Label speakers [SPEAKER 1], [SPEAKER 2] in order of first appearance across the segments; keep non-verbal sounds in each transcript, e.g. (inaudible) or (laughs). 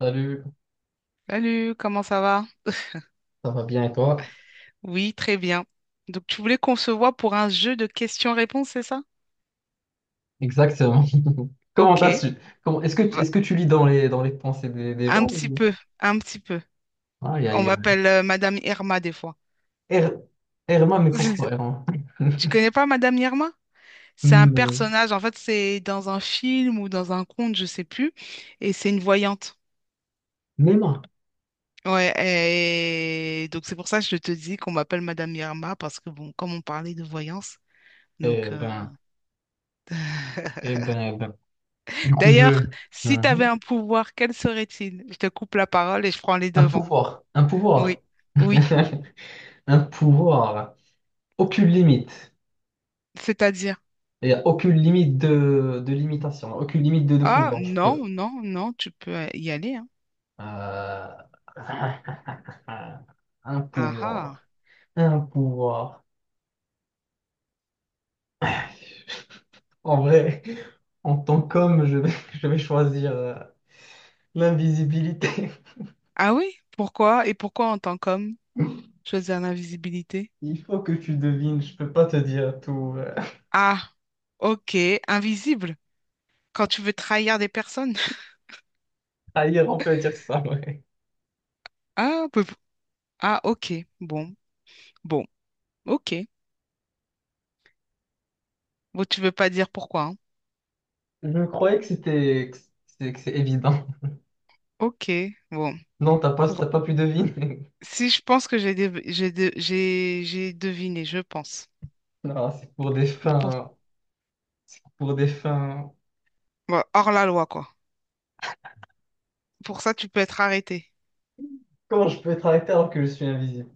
[SPEAKER 1] Salut,
[SPEAKER 2] Salut, comment ça va?
[SPEAKER 1] ça va bien et toi?
[SPEAKER 2] Oui, très bien. Donc, tu voulais qu'on se voit pour un jeu de questions-réponses, c'est ça?
[SPEAKER 1] Exactement. (laughs) Comment t'as
[SPEAKER 2] Ok.
[SPEAKER 1] su? Comment,
[SPEAKER 2] Va-
[SPEAKER 1] est-ce que tu lis dans les pensées des
[SPEAKER 2] Un
[SPEAKER 1] gens
[SPEAKER 2] petit
[SPEAKER 1] ou...
[SPEAKER 2] peu, un petit peu.
[SPEAKER 1] Ah,
[SPEAKER 2] On m'appelle Madame Irma des fois.
[SPEAKER 1] Er- Erma, mais pourquoi
[SPEAKER 2] (laughs)
[SPEAKER 1] Erma?
[SPEAKER 2] Tu
[SPEAKER 1] (laughs)
[SPEAKER 2] connais pas Madame Irma? C'est un
[SPEAKER 1] Non.
[SPEAKER 2] personnage, en fait, c'est dans un film ou dans un conte, je sais plus, et c'est une voyante.
[SPEAKER 1] Néma.
[SPEAKER 2] Ouais, et donc c'est pour ça que je te dis qu'on m'appelle Madame Irma, parce que bon, comme on parlait de voyance,
[SPEAKER 1] Eh
[SPEAKER 2] donc.
[SPEAKER 1] ben, eh ben, eh ben. Du coup,
[SPEAKER 2] D'ailleurs,
[SPEAKER 1] je...
[SPEAKER 2] si tu avais
[SPEAKER 1] Mhm.
[SPEAKER 2] un pouvoir, quel serait-il? Je te coupe la parole et je prends les devants.
[SPEAKER 1] Un pouvoir,
[SPEAKER 2] Oui, oui,
[SPEAKER 1] (laughs) un pouvoir. Aucune limite.
[SPEAKER 2] c'est-à-dire.
[SPEAKER 1] Il n'y a aucune limite de limitation, aucune limite de
[SPEAKER 2] Ah,
[SPEAKER 1] pouvoir. Je peux.
[SPEAKER 2] non, non, non, tu peux y aller, hein.
[SPEAKER 1] Euh, (laughs) Un
[SPEAKER 2] Ah,
[SPEAKER 1] pouvoir.
[SPEAKER 2] ah.
[SPEAKER 1] Un pouvoir. En vrai, en tant qu'homme, je vais, (laughs) je vais choisir l'invisibilité.
[SPEAKER 2] Ah oui, pourquoi? Et pourquoi en tant qu'homme, choisir l'invisibilité?
[SPEAKER 1] (laughs) Il faut que tu devines, je peux pas te dire tout.
[SPEAKER 2] Ah, ok, invisible. Quand tu veux trahir des personnes? (laughs)
[SPEAKER 1] Ailleurs, on peut dire ça, ouais.
[SPEAKER 2] Ah, ah, ok. Bon, bon, ok. Bon, tu veux pas dire pourquoi, hein.
[SPEAKER 1] Je croyais que c'était que c'est évident.
[SPEAKER 2] Ok, bon.
[SPEAKER 1] Non, t'as pas, t'as
[SPEAKER 2] Pour.
[SPEAKER 1] pas pu deviner. (laughs)
[SPEAKER 2] Si je pense que j'ai dev- j'ai de- j'ai deviné, je pense.
[SPEAKER 1] Non, c'est pour des
[SPEAKER 2] Bon, pour,
[SPEAKER 1] fins, pour des fins.
[SPEAKER 2] bon, hors la loi, quoi. Pour ça, tu peux être arrêté.
[SPEAKER 1] Comment je peux être arrêté alors que je suis invisible?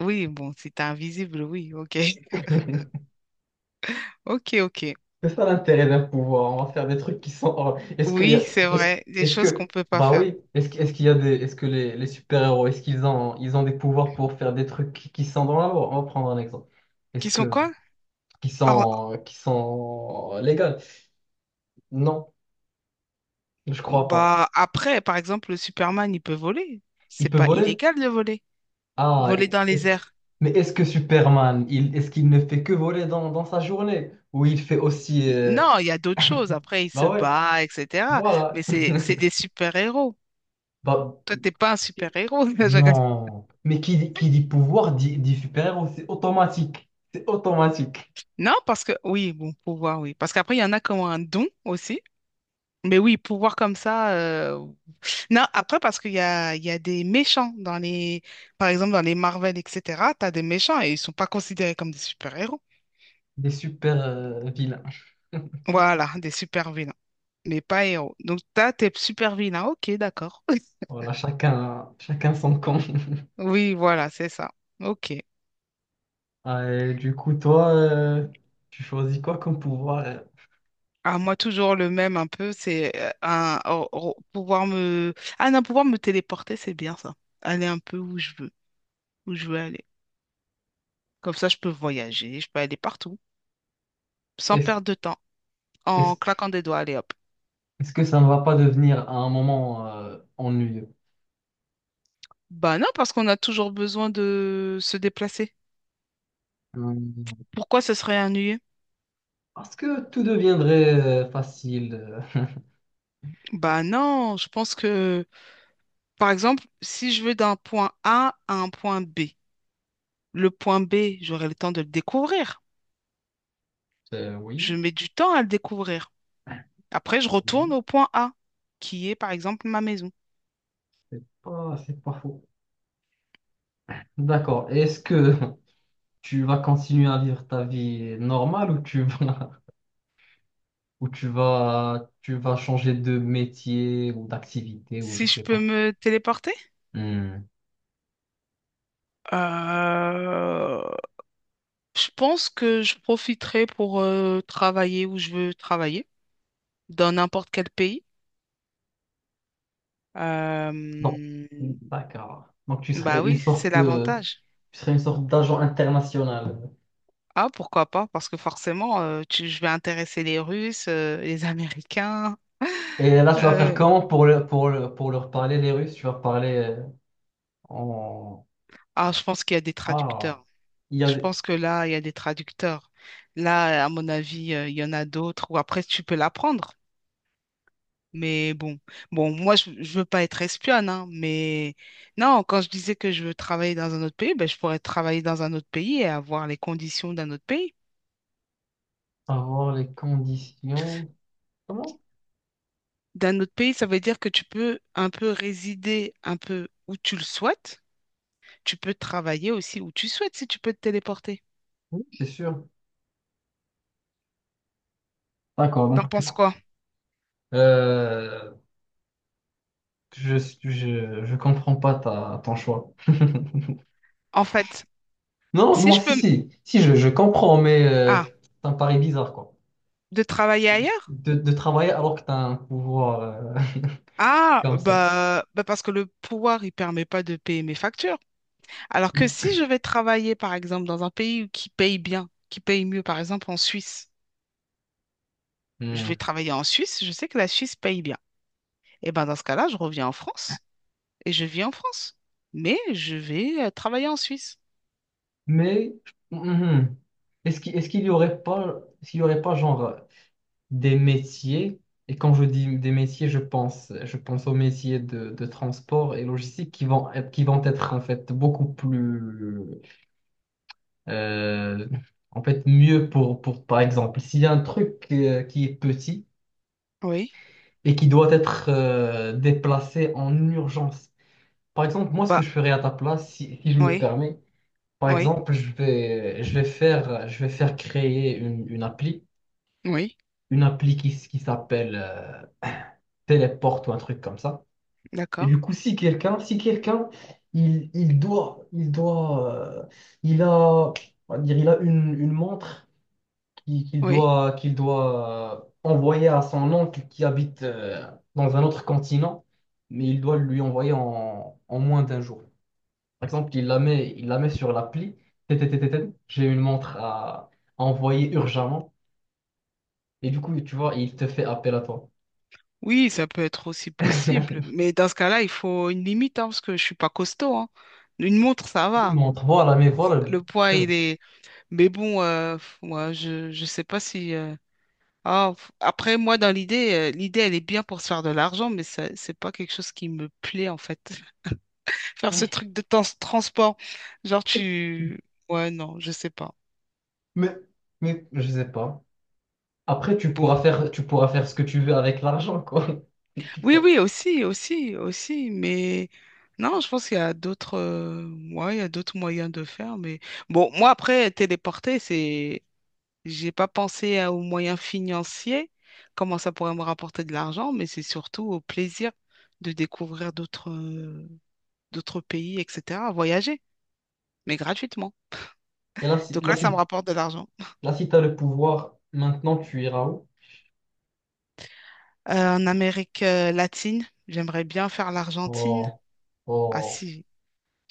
[SPEAKER 2] Oui, bon, si t'es invisible, oui, ok. (laughs)
[SPEAKER 1] (laughs)
[SPEAKER 2] Ok, ok.
[SPEAKER 1] C'est ça l'intérêt d'un pouvoir. On va faire des trucs qui sont. Est-ce qu'il y
[SPEAKER 2] Oui,
[SPEAKER 1] a...
[SPEAKER 2] c'est
[SPEAKER 1] est-ce...
[SPEAKER 2] vrai. Des
[SPEAKER 1] est-ce
[SPEAKER 2] choses qu'on
[SPEAKER 1] que.
[SPEAKER 2] peut pas
[SPEAKER 1] Bah
[SPEAKER 2] faire.
[SPEAKER 1] oui. Est-ce qu'il y a des. Est-ce que les super-héros, ils ont des pouvoirs pour faire des trucs qui sont dans la loi? On va prendre un exemple. Est-ce
[SPEAKER 2] Qui sont
[SPEAKER 1] que.
[SPEAKER 2] quoi?
[SPEAKER 1] Qui
[SPEAKER 2] Hors-
[SPEAKER 1] sont. Qui sont légales? Non, je crois pas.
[SPEAKER 2] Bah, après, par exemple, le Superman, il peut voler.
[SPEAKER 1] Il
[SPEAKER 2] C'est
[SPEAKER 1] peut
[SPEAKER 2] pas
[SPEAKER 1] voler?
[SPEAKER 2] illégal de voler.
[SPEAKER 1] Ah,
[SPEAKER 2] Voler dans
[SPEAKER 1] est-ce
[SPEAKER 2] les
[SPEAKER 1] que.
[SPEAKER 2] airs.
[SPEAKER 1] Mais est-ce que Superman, est-ce qu'il ne fait que voler dans sa journée? Ou il fait aussi.
[SPEAKER 2] Non, il y a d'autres choses. Après, il se
[SPEAKER 1] Bah ouais,
[SPEAKER 2] bat, etc. Mais
[SPEAKER 1] voilà.
[SPEAKER 2] c'est
[SPEAKER 1] (laughs)
[SPEAKER 2] des super-héros.
[SPEAKER 1] Bah,
[SPEAKER 2] Toi, t'es pas un super-héros. (laughs) Je rigole.
[SPEAKER 1] non. Mais qui dit pouvoir dit super-héros, c'est automatique. C'est automatique.
[SPEAKER 2] Non, parce que oui, bon, pouvoir, oui. Parce qu'après, il y en a qui ont un don aussi. Mais oui, pouvoir comme ça. Non, après, parce qu'il y a des méchants dans les. Par exemple, dans les Marvel, etc. T'as des méchants et ils sont pas considérés comme des super-héros.
[SPEAKER 1] Des super-vilains. (laughs)
[SPEAKER 2] Voilà, des super-vilains. Mais pas héros. Donc, t'as tes super-vilains. Ok, d'accord. (laughs)
[SPEAKER 1] Voilà, chacun, chacun son camp. (laughs)
[SPEAKER 2] Oui, voilà, c'est ça. Ok.
[SPEAKER 1] Ah, et du coup, toi, tu choisis quoi comme pouvoir?
[SPEAKER 2] Ah, moi, toujours le même un peu, c'est un, pouvoir me. Ah non, pouvoir me téléporter, c'est bien ça. Aller un peu où je veux aller. Comme ça, je peux voyager, je peux aller partout, sans
[SPEAKER 1] Est-ce,
[SPEAKER 2] perdre de temps,
[SPEAKER 1] est-ce
[SPEAKER 2] en
[SPEAKER 1] que,
[SPEAKER 2] claquant des doigts, allez hop.
[SPEAKER 1] est-ce que ça ne va pas devenir à un moment ennuyeux?
[SPEAKER 2] Bah non, parce qu'on a toujours besoin de se déplacer.
[SPEAKER 1] Hmm,
[SPEAKER 2] Pourquoi ce serait ennuyeux?
[SPEAKER 1] parce que tout deviendrait facile. (laughs)
[SPEAKER 2] Bah non, je pense que, par exemple, si je veux d'un point A à un point B, le point B, j'aurai le temps de le découvrir. Je
[SPEAKER 1] Oui,
[SPEAKER 2] mets du temps à le découvrir. Après, je retourne
[SPEAKER 1] oui,
[SPEAKER 2] au point A, qui est par exemple ma maison.
[SPEAKER 1] c'est pas faux. D'accord. Est-ce que (laughs) tu vas continuer à vivre ta vie normale ou tu vas, (laughs) ou tu vas changer de métier ou d'activité ou
[SPEAKER 2] Si
[SPEAKER 1] je
[SPEAKER 2] je
[SPEAKER 1] sais
[SPEAKER 2] peux
[SPEAKER 1] pas.
[SPEAKER 2] me téléporter,
[SPEAKER 1] Hmm.
[SPEAKER 2] euh, je pense que je profiterai pour travailler où je veux travailler, dans n'importe quel pays.
[SPEAKER 1] Donc,
[SPEAKER 2] Euh,
[SPEAKER 1] d'accord. Donc, tu serais
[SPEAKER 2] Bah oui, c'est l'avantage.
[SPEAKER 1] tu serais une sorte d'agent international.
[SPEAKER 2] Ah, pourquoi pas? Parce que forcément, je vais intéresser les Russes, les Américains.
[SPEAKER 1] Et
[SPEAKER 2] (laughs)
[SPEAKER 1] là, tu vas faire
[SPEAKER 2] Euh,
[SPEAKER 1] comment pour leur parler, les Russes? Tu vas parler en...
[SPEAKER 2] ah, je pense qu'il y a des
[SPEAKER 1] Ah,
[SPEAKER 2] traducteurs.
[SPEAKER 1] il y a
[SPEAKER 2] Je pense que là, il y a des traducteurs. Là, à mon avis, il y en a d'autres. Ou après, tu peux l'apprendre. Mais bon, bon, moi, je veux pas être espionne, hein, mais non, quand je disais que je veux travailler dans un autre pays, ben, je pourrais travailler dans un autre pays et avoir les conditions d'un autre pays.
[SPEAKER 1] avoir les conditions. Comment?
[SPEAKER 2] D'un autre pays, ça veut dire que tu peux un peu résider un peu où tu le souhaites. Tu peux travailler aussi où tu souhaites si tu peux te téléporter.
[SPEAKER 1] Oui, c'est sûr. D'accord,
[SPEAKER 2] T'en
[SPEAKER 1] donc
[SPEAKER 2] penses quoi?
[SPEAKER 1] Euh, Je, je comprends pas ta, ton choix.
[SPEAKER 2] En fait,
[SPEAKER 1] Non,
[SPEAKER 2] si
[SPEAKER 1] moi,
[SPEAKER 2] je peux.
[SPEAKER 1] si, si, si, je comprends, mais
[SPEAKER 2] Ah,
[SPEAKER 1] c'est un pari bizarre, quoi.
[SPEAKER 2] de travailler ailleurs?
[SPEAKER 1] De travailler alors que tu as un pouvoir (laughs)
[SPEAKER 2] Ah,
[SPEAKER 1] comme ça.
[SPEAKER 2] bah, bah parce que le pouvoir, il permet pas de payer mes factures. Alors que
[SPEAKER 1] Mais,
[SPEAKER 2] si je vais travailler, par exemple, dans un pays qui paye bien, qui paye mieux, par exemple en Suisse, je vais
[SPEAKER 1] Hmm.
[SPEAKER 2] travailler en Suisse, je sais que la Suisse paye bien. Et ben dans ce cas-là, je reviens en France et je vis en France. Mais je vais travailler en Suisse.
[SPEAKER 1] mais, mhm. Est-ce qu'il y aurait pas, genre, des métiers, et quand je dis des métiers, je pense aux métiers de transport et logistique qui vont être, en fait, beaucoup plus Euh, en fait, mieux par exemple, s'il y a un truc qui est petit
[SPEAKER 2] Oui.
[SPEAKER 1] et qui doit être déplacé en urgence. Par exemple, moi, ce que
[SPEAKER 2] Bah,
[SPEAKER 1] je ferais à ta place, si je me
[SPEAKER 2] oui,
[SPEAKER 1] permets, par
[SPEAKER 2] oui,
[SPEAKER 1] exemple, je vais faire créer
[SPEAKER 2] oui,
[SPEAKER 1] une appli qui s'appelle Téléport ou un truc comme ça. Et
[SPEAKER 2] d'accord.
[SPEAKER 1] du coup, si quelqu'un, si quelqu'un, il, il doit, il doit, euh, il a, on va dire, il a une montre qu'il
[SPEAKER 2] Oui,
[SPEAKER 1] doit, qu'il doit euh, envoyer à son oncle qui habite dans un autre continent, mais il doit lui envoyer en moins d'un jour. Par exemple, il la met sur l'appli. TTTTT, j'ai une montre à envoyer urgemment. Et du coup, tu vois, il te fait appel à toi.
[SPEAKER 2] oui, ça peut être aussi possible.
[SPEAKER 1] (laughs)
[SPEAKER 2] Mais dans ce cas-là, il faut une limite, hein, parce que je suis pas costaud, hein. Une montre, ça
[SPEAKER 1] Une
[SPEAKER 2] va.
[SPEAKER 1] montre, voilà, mais voilà,
[SPEAKER 2] Le poids,
[SPEAKER 1] justement.
[SPEAKER 2] il est. Mais bon, moi, je sais pas si. Ah, après, moi, dans l'idée, l'idée, elle est bien pour se faire de l'argent, mais ça, c'est pas quelque chose qui me plaît, en fait. (laughs) Faire ce truc de transport. Genre, tu. Ouais, non, je sais pas.
[SPEAKER 1] Mais, mais je sais pas. Après, tu pourras
[SPEAKER 2] Bon.
[SPEAKER 1] faire, tu pourras faire ce que tu veux avec l'argent, quoi. (laughs) Tu
[SPEAKER 2] Oui,
[SPEAKER 1] vois.
[SPEAKER 2] oui, aussi, aussi, aussi, mais non, je pense qu'il y a d'autres ouais, il y a d'autres moyens de faire, mais bon, moi après, téléporter, c'est j'ai pas pensé aux moyens financiers, comment ça pourrait me rapporter de l'argent, mais c'est surtout au plaisir de découvrir d'autres d'autres pays, etc., voyager, mais gratuitement.
[SPEAKER 1] Et là, si,
[SPEAKER 2] Donc
[SPEAKER 1] là,
[SPEAKER 2] là, ça me
[SPEAKER 1] si
[SPEAKER 2] rapporte de l'argent.
[SPEAKER 1] Là, si tu as le pouvoir, maintenant tu iras où?
[SPEAKER 2] En Amérique latine, j'aimerais bien faire l'Argentine.
[SPEAKER 1] Oh,
[SPEAKER 2] Ah
[SPEAKER 1] oh.
[SPEAKER 2] si,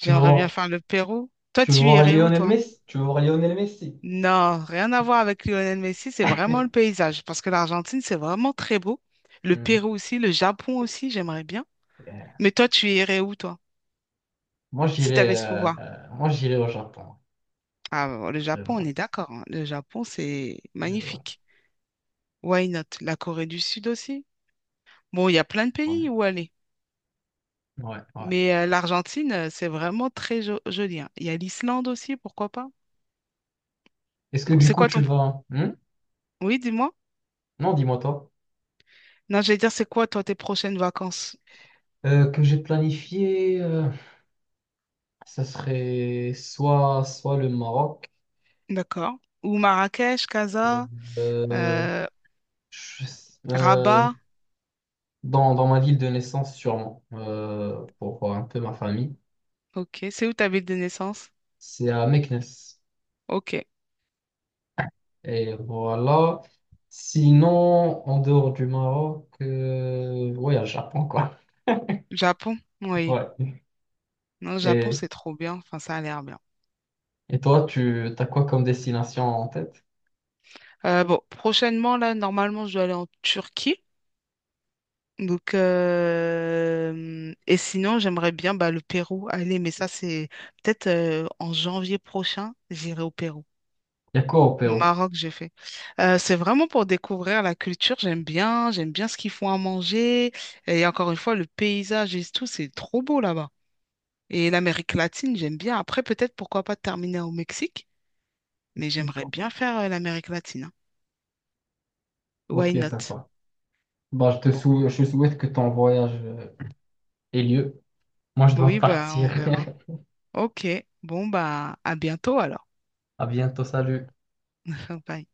[SPEAKER 1] Tu veux
[SPEAKER 2] bien
[SPEAKER 1] voir,
[SPEAKER 2] faire le Pérou. Toi,
[SPEAKER 1] tu veux
[SPEAKER 2] tu
[SPEAKER 1] voir
[SPEAKER 2] irais où?
[SPEAKER 1] Lionel Messi? Tu veux voir Lionel Messi?
[SPEAKER 2] Non, rien à voir avec Lionel Messi, c'est vraiment le
[SPEAKER 1] (laughs)
[SPEAKER 2] paysage. Parce que l'Argentine, c'est vraiment très beau. Le
[SPEAKER 1] Hmm.
[SPEAKER 2] Pérou aussi, le Japon aussi, j'aimerais bien.
[SPEAKER 1] Yeah.
[SPEAKER 2] Mais toi, tu irais où, toi, si tu avais ce pouvoir?
[SPEAKER 1] Moi, j'irai au Japon.
[SPEAKER 2] Ah, bon, le
[SPEAKER 1] J'irai au
[SPEAKER 2] Japon, on
[SPEAKER 1] Japon.
[SPEAKER 2] est d'accord. Hein. Le Japon, c'est
[SPEAKER 1] J'irai au Japon.
[SPEAKER 2] magnifique. Why not? La Corée du Sud aussi. Bon, il y a plein de
[SPEAKER 1] Ouais,
[SPEAKER 2] pays où aller.
[SPEAKER 1] ouais. Ouais.
[SPEAKER 2] Mais l'Argentine, c'est vraiment très joli. Hein. Il y a l'Islande aussi, pourquoi pas?
[SPEAKER 1] Est-ce que
[SPEAKER 2] Bon,
[SPEAKER 1] du
[SPEAKER 2] c'est
[SPEAKER 1] coup,
[SPEAKER 2] quoi
[SPEAKER 1] tu
[SPEAKER 2] ton.
[SPEAKER 1] vas... Hmm.
[SPEAKER 2] Oui, dis-moi.
[SPEAKER 1] Non, dis-moi toi.
[SPEAKER 2] Non, j'allais dire, c'est quoi, toi, tes prochaines vacances?
[SPEAKER 1] Que j'ai planifié, ça serait soit le Maroc,
[SPEAKER 2] D'accord. Ou Marrakech, Casa?
[SPEAKER 1] euh,
[SPEAKER 2] euh,
[SPEAKER 1] je euh,
[SPEAKER 2] Rabat,
[SPEAKER 1] dans ma ville de naissance sûrement, pour voir un peu ma famille.
[SPEAKER 2] ok. C'est où ta ville de naissance?
[SPEAKER 1] C'est à Meknès.
[SPEAKER 2] Ok.
[SPEAKER 1] Et voilà. Sinon, en dehors du Maroc, ouais, à Japon, quoi. (laughs)
[SPEAKER 2] Japon, oui.
[SPEAKER 1] Ouais.
[SPEAKER 2] Non, Japon,
[SPEAKER 1] Et,
[SPEAKER 2] c'est trop bien. Enfin, ça a l'air bien.
[SPEAKER 1] et toi, tu as quoi comme destination en tête?
[SPEAKER 2] Bon, prochainement, là, normalement, je dois aller en Turquie. Donc, et sinon, j'aimerais bien bah, le Pérou aller, mais ça, c'est peut-être en janvier prochain, j'irai au Pérou.
[SPEAKER 1] Il y a quoi au Pérou?
[SPEAKER 2] Maroc, j'ai fait. C'est vraiment pour découvrir la culture. J'aime bien ce qu'ils font à manger. Et encore une fois, le paysage et tout, c'est trop beau là-bas. Et l'Amérique latine, j'aime bien. Après, peut-être pourquoi pas terminer au Mexique, mais j'aimerais bien faire l'Amérique latine. Hein.
[SPEAKER 1] Ok,
[SPEAKER 2] Why not?
[SPEAKER 1] sympa. Bah,
[SPEAKER 2] Bon,
[SPEAKER 1] je souhaite que ton voyage ait lieu. Moi, je dois
[SPEAKER 2] oui, bah
[SPEAKER 1] partir.
[SPEAKER 2] on verra. Ok, bon bah à bientôt alors.
[SPEAKER 1] À bientôt, salut.
[SPEAKER 2] (laughs) Bye.